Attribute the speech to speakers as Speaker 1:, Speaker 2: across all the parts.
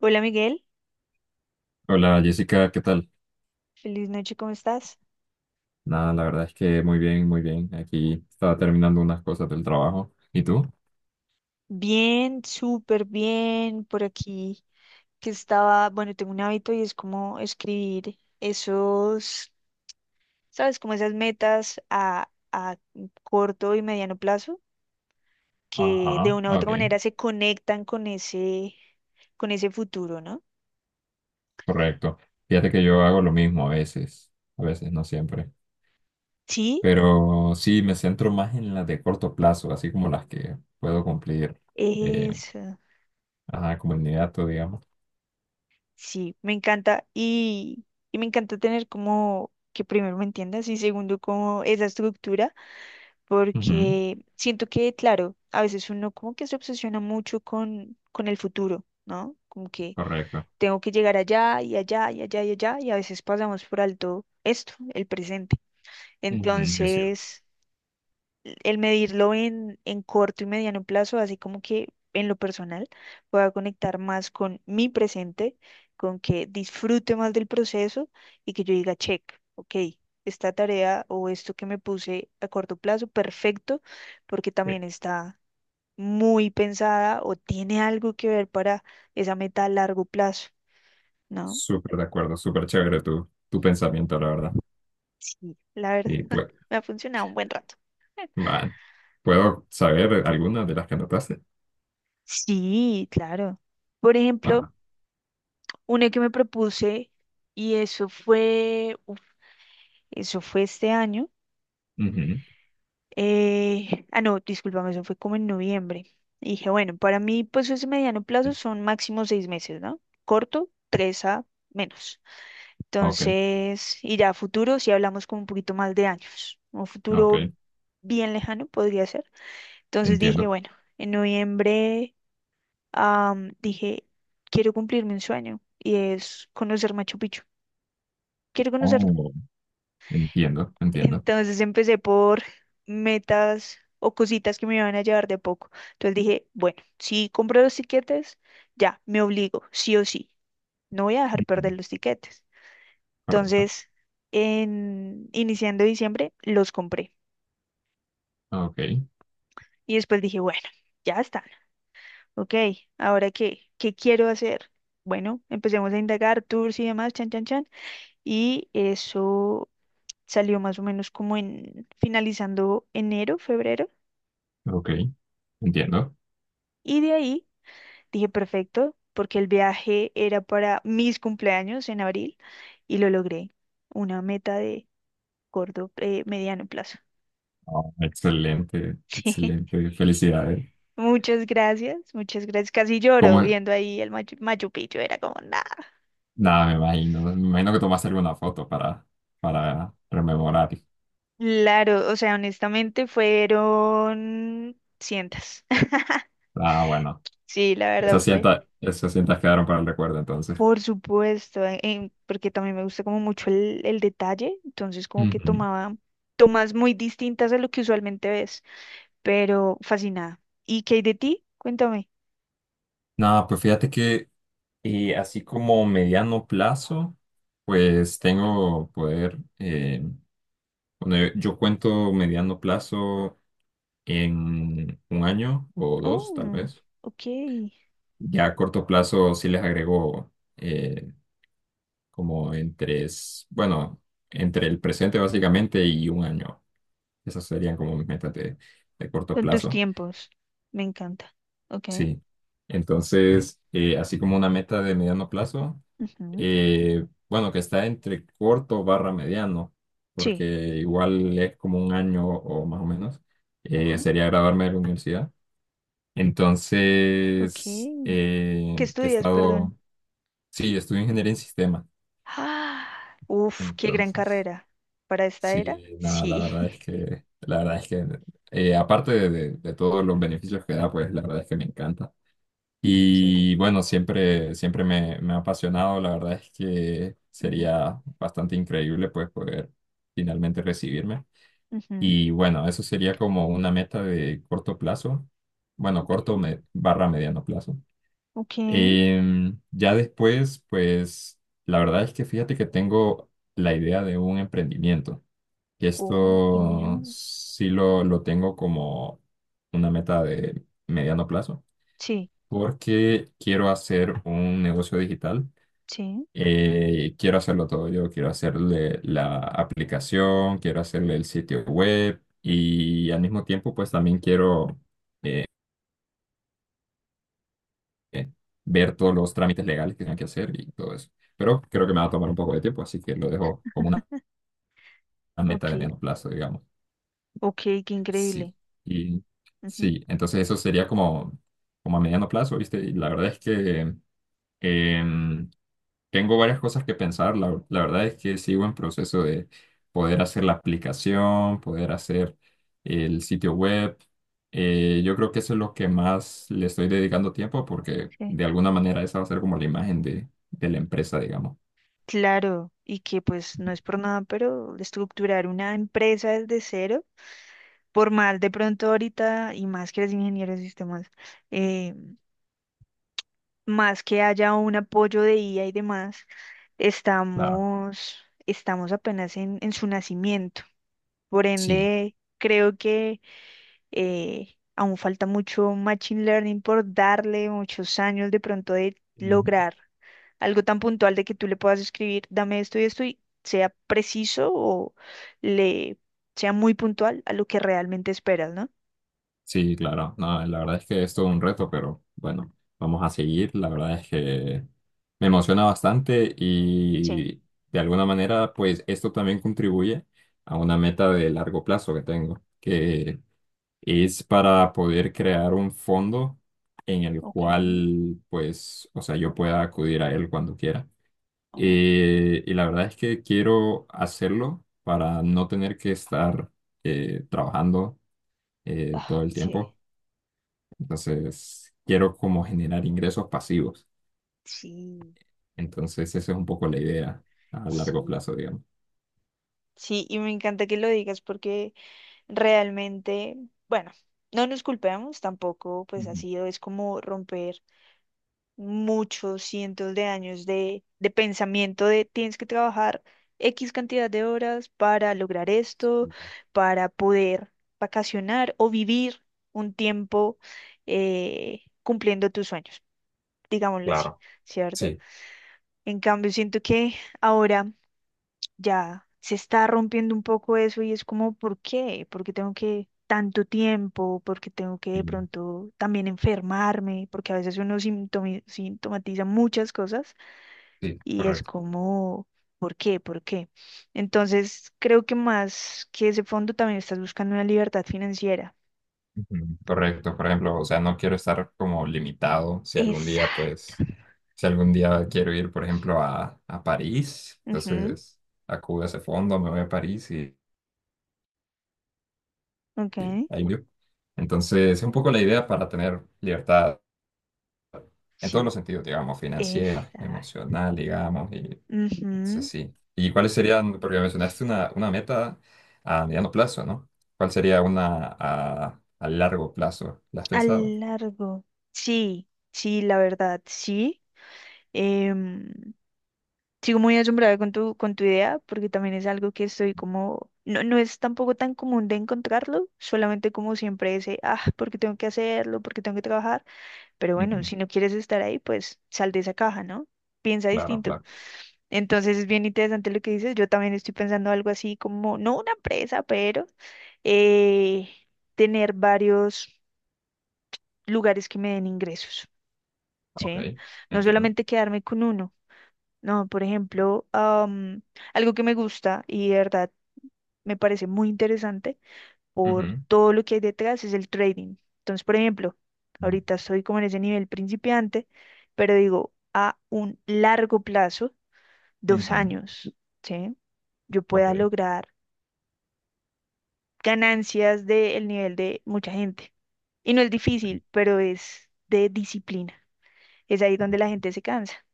Speaker 1: Hola Miguel,
Speaker 2: Hola Jessica, ¿qué tal?
Speaker 1: feliz noche, ¿cómo estás?
Speaker 2: Nada, la verdad es que muy bien, muy bien. Aquí estaba terminando unas cosas del trabajo. ¿Y tú?
Speaker 1: Bien, súper bien, por aquí que estaba, bueno, tengo un hábito y es como escribir esos, ¿sabes? Como esas metas a corto y mediano plazo que de
Speaker 2: Ajá,
Speaker 1: una u otra
Speaker 2: ok,
Speaker 1: manera se conectan con ese futuro, ¿no?
Speaker 2: correcto. Fíjate que yo hago lo mismo a veces, no siempre.
Speaker 1: Sí,
Speaker 2: Pero sí, me centro más en las de corto plazo, así como las que puedo cumplir, eh,
Speaker 1: eso,
Speaker 2: ajá, como inmediato, digamos.
Speaker 1: sí, me encanta y me encanta tener como que primero me entiendas y segundo como esa estructura
Speaker 2: Ujú,
Speaker 1: porque siento que, claro, a veces uno como que se obsesiona mucho con el futuro, ¿no? Como que
Speaker 2: correcto.
Speaker 1: tengo que llegar allá y allá y allá y allá, y a veces pasamos por alto esto, el presente.
Speaker 2: Ujú, es cierto.
Speaker 1: Entonces, el medirlo en corto y mediano plazo, así como que en lo personal pueda conectar más con mi presente, con que disfrute más del proceso y que yo diga, check, ok, esta tarea o esto que me puse a corto plazo, perfecto, porque
Speaker 2: Ok.
Speaker 1: también está muy pensada o tiene algo que ver para esa meta a largo plazo, ¿no?
Speaker 2: Súper de acuerdo, súper chévere tu pensamiento, la verdad.
Speaker 1: Sí, la
Speaker 2: Y
Speaker 1: verdad,
Speaker 2: pues,
Speaker 1: me ha funcionado un buen rato.
Speaker 2: va, ¿puedo saber algunas de las que anotaste?
Speaker 1: Sí, claro. Por ejemplo,
Speaker 2: Va.
Speaker 1: una que me propuse, y eso fue, uf, eso fue este año.
Speaker 2: Ujú.
Speaker 1: Ah, no, discúlpame, eso fue como en noviembre. Y dije, bueno, para mí, pues ese mediano
Speaker 2: Sí.
Speaker 1: plazo son máximo 6 meses, ¿no? Corto, tres a menos.
Speaker 2: Ok,
Speaker 1: Entonces, y ya a futuro, si hablamos como un poquito más de años, un
Speaker 2: ok,
Speaker 1: futuro bien lejano podría ser. Entonces dije,
Speaker 2: entiendo.
Speaker 1: bueno, en noviembre, dije, quiero cumplirme un sueño, y es conocer Machu Picchu. Quiero conocerlo.
Speaker 2: Oh, entiendo, entiendo.
Speaker 1: Entonces empecé por metas o cositas que me iban a llevar de poco. Entonces dije, bueno, si compro los tiquetes, ya, me obligo, sí o sí. No voy a dejar
Speaker 2: Ujú,
Speaker 1: perder los tiquetes.
Speaker 2: correcto.
Speaker 1: Entonces, iniciando diciembre, los compré.
Speaker 2: Ok,
Speaker 1: Y después dije, bueno, ya están. Ok, ¿ahora qué? ¿Qué quiero hacer? Bueno, empecemos a indagar tours y demás, chan, chan, chan. Y eso salió más o menos como en finalizando enero, febrero.
Speaker 2: ok, entiendo.
Speaker 1: Y de ahí dije, perfecto, porque el viaje era para mis cumpleaños en abril y lo logré. Una meta de corto, mediano plazo.
Speaker 2: Oh, excelente,
Speaker 1: Sí.
Speaker 2: excelente. Felicidades.
Speaker 1: Muchas gracias, muchas gracias. Casi lloro
Speaker 2: ¿Cómo es?
Speaker 1: viendo ahí el Machu Picchu, era como nada.
Speaker 2: Nada, me imagino. Me imagino que tomaste alguna foto para rememorar.
Speaker 1: Claro, o sea, honestamente fueron cientos.
Speaker 2: Ah, bueno.
Speaker 1: Sí, la verdad fue.
Speaker 2: Esas cintas quedaron para el recuerdo entonces.
Speaker 1: Por supuesto, porque también me gusta como mucho el detalle, entonces como que
Speaker 2: Ujú.
Speaker 1: tomaba tomas muy distintas a lo que usualmente ves, pero fascinada. ¿Y qué hay de ti? Cuéntame.
Speaker 2: Nada, pues fíjate que así como mediano plazo, pues tengo poder. Bueno, yo cuento mediano plazo en un año o dos, tal
Speaker 1: Oh,
Speaker 2: vez.
Speaker 1: ok.
Speaker 2: Ya a corto plazo sí les agrego eh, como entre, bueno, entre el presente básicamente y un año. Esas serían como mis metas de corto
Speaker 1: Son tus
Speaker 2: plazo.
Speaker 1: tiempos. Me encanta. Ok.
Speaker 2: Sí. Entonces, así como una meta de mediano plazo,
Speaker 1: Ujú.
Speaker 2: bueno, que está entre corto barra mediano, porque
Speaker 1: Sí.
Speaker 2: igual es como un año o más o menos,
Speaker 1: Ok.
Speaker 2: sería graduarme de la universidad.
Speaker 1: Ok.
Speaker 2: Entonces,
Speaker 1: ¿Qué
Speaker 2: he
Speaker 1: estudias, perdón?
Speaker 2: estado, sí, estudio ingeniería en sistemas.
Speaker 1: Ah, uf, qué gran
Speaker 2: Entonces,
Speaker 1: carrera. ¿Para esta era?
Speaker 2: sí, nada, la
Speaker 1: Sí.
Speaker 2: verdad es que, la verdad es que, aparte de, de todos los beneficios que da, pues la verdad es que me encanta.
Speaker 1: Quiero
Speaker 2: Y
Speaker 1: ir.
Speaker 2: bueno, siempre, siempre me, me ha apasionado. La verdad es que
Speaker 1: Ujú.
Speaker 2: sería bastante increíble, pues, poder finalmente recibirme.
Speaker 1: Ujú.
Speaker 2: Y bueno, eso sería como una meta de corto plazo. Bueno,
Speaker 1: Ok.
Speaker 2: barra mediano plazo.
Speaker 1: Ok.
Speaker 2: Ya después, pues la verdad es que fíjate que tengo la idea de un emprendimiento. Y
Speaker 1: Oh,
Speaker 2: esto
Speaker 1: genial.
Speaker 2: sí lo tengo como una meta de mediano plazo,
Speaker 1: Sí.
Speaker 2: porque quiero hacer un negocio digital.
Speaker 1: Sí.
Speaker 2: Quiero hacerlo todo yo, quiero hacerle la aplicación, quiero hacerle el sitio web y al mismo tiempo, pues también quiero eh, ver todos los trámites legales que tenga que hacer y todo eso. Pero creo que me va a tomar un poco de tiempo, así que lo dejo como una meta
Speaker 1: Ok.
Speaker 2: de mediano plazo, digamos.
Speaker 1: Ok, qué
Speaker 2: Sí,
Speaker 1: increíble.
Speaker 2: y
Speaker 1: Ujú,
Speaker 2: sí, entonces eso sería como, como a mediano plazo, ¿viste? Y la verdad es que em, tengo varias cosas que pensar. La verdad es que sigo en proceso de poder hacer la aplicación, poder hacer el sitio web. Yo creo que eso es lo que más le estoy dedicando tiempo porque
Speaker 1: sí.
Speaker 2: de alguna manera esa va a ser como la imagen de la empresa, digamos.
Speaker 1: Claro, y que pues no es por nada, pero estructurar una empresa desde cero, por mal de pronto ahorita, y más que eres ingeniero de sistemas, eh, más que haya un apoyo de IA y demás,
Speaker 2: Claro.
Speaker 1: estamos, estamos apenas en su nacimiento. Por
Speaker 2: Sí.
Speaker 1: ende, creo que aún falta mucho machine learning por darle muchos años de pronto de lograr algo tan puntual de que tú le puedas escribir, dame esto y esto y sea preciso o le sea muy puntual a lo que realmente esperas, ¿no?
Speaker 2: Sí, claro. No, la verdad es que es todo un reto, pero bueno, vamos a seguir. La verdad es que me emociona bastante
Speaker 1: Sí,
Speaker 2: y de alguna manera, pues esto también contribuye a una meta de largo plazo que tengo, que es para poder crear un fondo en el
Speaker 1: ok.
Speaker 2: cual, pues, o sea, yo pueda acudir a él cuando quiera.
Speaker 1: Oh,
Speaker 2: Y la verdad es que quiero hacerlo para no tener que estar trabajando
Speaker 1: ah,
Speaker 2: todo el
Speaker 1: sí,
Speaker 2: tiempo entonces, quiero como generar ingresos pasivos.
Speaker 1: sí,
Speaker 2: Entonces, esa es un poco la idea a largo
Speaker 1: sí,
Speaker 2: plazo, digamos.
Speaker 1: sí, y me encanta que lo digas porque realmente, bueno, no nos culpemos tampoco, pues ha
Speaker 2: Ujú.
Speaker 1: sido, es como romper muchos cientos de años de pensamiento de tienes que trabajar X cantidad de horas para lograr esto, para poder vacacionar o vivir un tiempo cumpliendo tus sueños, digámoslo así,
Speaker 2: Claro,
Speaker 1: ¿cierto?
Speaker 2: sí,
Speaker 1: En cambio, siento que ahora ya se está rompiendo un poco eso y es como, ¿por qué? ¿Por qué tengo que tanto tiempo? ¿Por qué tengo que de
Speaker 2: y-
Speaker 1: pronto también enfermarme? Porque a veces uno sintomatiza muchas cosas
Speaker 2: sí,
Speaker 1: y es
Speaker 2: correcto.
Speaker 1: como, ¿por qué? ¿Por qué? Entonces, creo que más que ese fondo también estás buscando una libertad financiera.
Speaker 2: Ujú, correcto, por ejemplo, o sea, no quiero estar como limitado si algún día,
Speaker 1: Exacto.
Speaker 2: pues, si algún día quiero ir, por ejemplo, a París,
Speaker 1: Ujú.
Speaker 2: entonces acudo a ese fondo, me voy a París y
Speaker 1: Ok.
Speaker 2: ahí voy. Entonces, es un poco la idea para tener libertad en todos
Speaker 1: Sí.
Speaker 2: los sentidos, digamos, financiera,
Speaker 1: Exacto.
Speaker 2: emocional, digamos, y sí,
Speaker 1: Ujú.
Speaker 2: sí. ¿Y cuáles serían, porque mencionaste una meta a mediano plazo, ¿no? ¿Cuál sería una a largo plazo? ¿La has
Speaker 1: A
Speaker 2: pensado?
Speaker 1: largo. Sí, sí, la verdad, sí. em, Sigo muy asombrada con tu idea, porque también es algo que estoy como, no, no es tampoco tan común de encontrarlo, solamente como siempre ese, ah, porque tengo que hacerlo, porque tengo que trabajar, pero bueno,
Speaker 2: Ujú.
Speaker 1: si no quieres estar ahí, pues sal de esa caja, ¿no? Piensa
Speaker 2: Claro,
Speaker 1: distinto.
Speaker 2: claro.
Speaker 1: Entonces es bien interesante lo que dices, yo también estoy pensando algo así como, no una empresa, pero eh, tener varios lugares que me den ingresos,
Speaker 2: Ok,
Speaker 1: ¿sí? No
Speaker 2: entiendo.
Speaker 1: solamente quedarme con uno no, por ejemplo, algo que me gusta y de verdad me parece muy interesante por
Speaker 2: Ujú.
Speaker 1: todo lo que hay detrás es el trading. Entonces, por ejemplo, ahorita estoy como en ese nivel principiante, pero digo, a un largo plazo, dos
Speaker 2: Ujú.
Speaker 1: años, ¿sí? Yo
Speaker 2: Ok,
Speaker 1: pueda lograr ganancias del nivel de mucha gente. Y no es
Speaker 2: ok.
Speaker 1: difícil, pero es de disciplina. Es ahí donde la gente se cansa.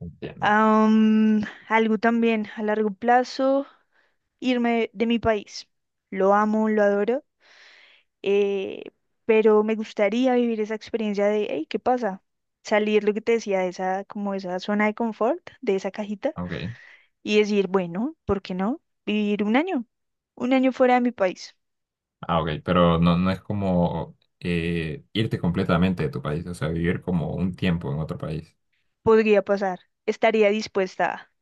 Speaker 2: Entiendo.
Speaker 1: Am, algo también a largo plazo. Irme de mi país. Lo amo, lo adoro, eh, pero me gustaría vivir esa experiencia de, hey, ¿qué pasa? Salir lo que te decía, de esa, como esa zona de confort, de esa cajita,
Speaker 2: Ok.
Speaker 1: y decir, bueno, ¿por qué no? Vivir un año fuera de mi país.
Speaker 2: Ah, ok, pero no, no es como irte completamente de tu país, o sea, vivir como un tiempo en otro país.
Speaker 1: Podría pasar, estaría dispuesta a,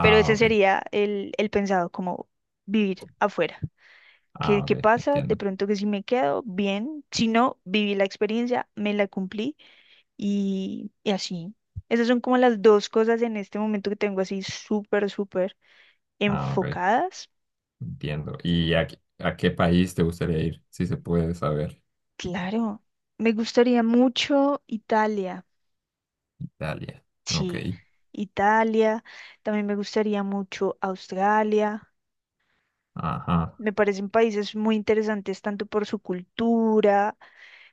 Speaker 1: pero ese
Speaker 2: ok.
Speaker 1: sería el pensado, como vivir afuera. ¿Qué,
Speaker 2: Ah, ok,
Speaker 1: qué pasa? De
Speaker 2: entiendo.
Speaker 1: pronto que si me quedo, bien, si no, viví la experiencia, me la cumplí y así. Esas son como las dos cosas en este momento que tengo así súper, súper
Speaker 2: Ah, ok,
Speaker 1: enfocadas.
Speaker 2: entiendo. ¿Y a, a qué país te gustaría ir, si se puede saber?
Speaker 1: Claro, me gustaría mucho Italia.
Speaker 2: Italia. Ok.
Speaker 1: Sí, Italia. También me gustaría mucho Australia.
Speaker 2: Ajá.
Speaker 1: Me parecen países muy interesantes tanto por su cultura,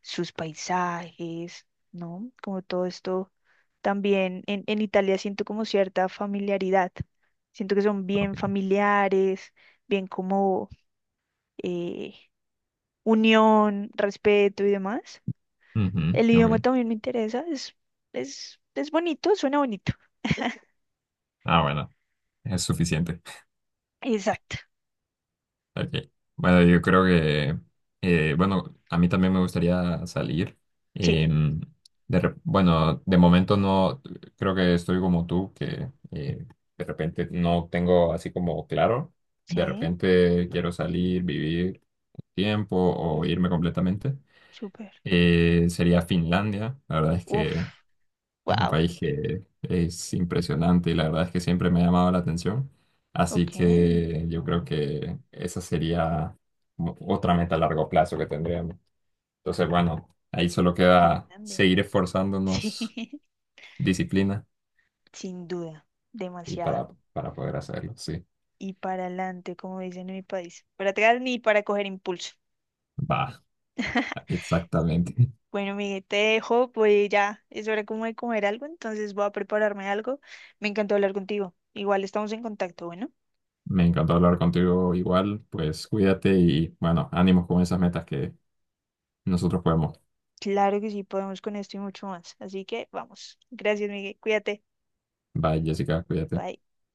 Speaker 1: sus paisajes, ¿no? Como todo esto también en Italia siento como cierta familiaridad. Siento que son
Speaker 2: Ok.
Speaker 1: bien familiares, bien como eh, unión, respeto y demás.
Speaker 2: Ujú,
Speaker 1: El idioma
Speaker 2: ok.
Speaker 1: también me interesa, es bonito, suena bonito.
Speaker 2: Ah, bueno. Es suficiente.
Speaker 1: Exacto.
Speaker 2: Ok. Bueno, yo creo que, bueno, a mí también me gustaría salir.
Speaker 1: Sí,
Speaker 2: Em, bueno, de momento no, creo que estoy como tú, que de repente no tengo así como claro. De
Speaker 1: sí.
Speaker 2: repente quiero salir, vivir tiempo o irme
Speaker 1: Ujú.
Speaker 2: completamente.
Speaker 1: Súper.
Speaker 2: Sería Finlandia. La verdad es que...
Speaker 1: Uf,
Speaker 2: Es un
Speaker 1: wow.
Speaker 2: país que es impresionante y la verdad es que siempre me ha llamado la atención. Así
Speaker 1: Ok,
Speaker 2: que yo creo que esa sería otra meta a largo plazo que tendríamos. Entonces, bueno, ahí solo queda
Speaker 1: Finlandia.
Speaker 2: seguir esforzándonos,
Speaker 1: Sí,
Speaker 2: disciplina
Speaker 1: sin duda,
Speaker 2: y
Speaker 1: demasiado.
Speaker 2: para poder hacerlo, sí.
Speaker 1: Y para adelante, como dicen en mi país. Para atrás ni para coger impulso.
Speaker 2: Va, exactamente.
Speaker 1: Bueno, Miguel, te dejo, pues ya es hora como de comer algo, entonces voy a prepararme algo. Me encantó hablar contigo. Igual estamos en contacto, bueno.
Speaker 2: Me encantó hablar contigo igual, pues cuídate y bueno, ánimos con esas metas que nosotros podemos.
Speaker 1: Claro que sí, podemos con esto y mucho más. Así que vamos. Gracias, Miguel. Cuídate.
Speaker 2: Bye, Jessica, cuídate.
Speaker 1: Bye.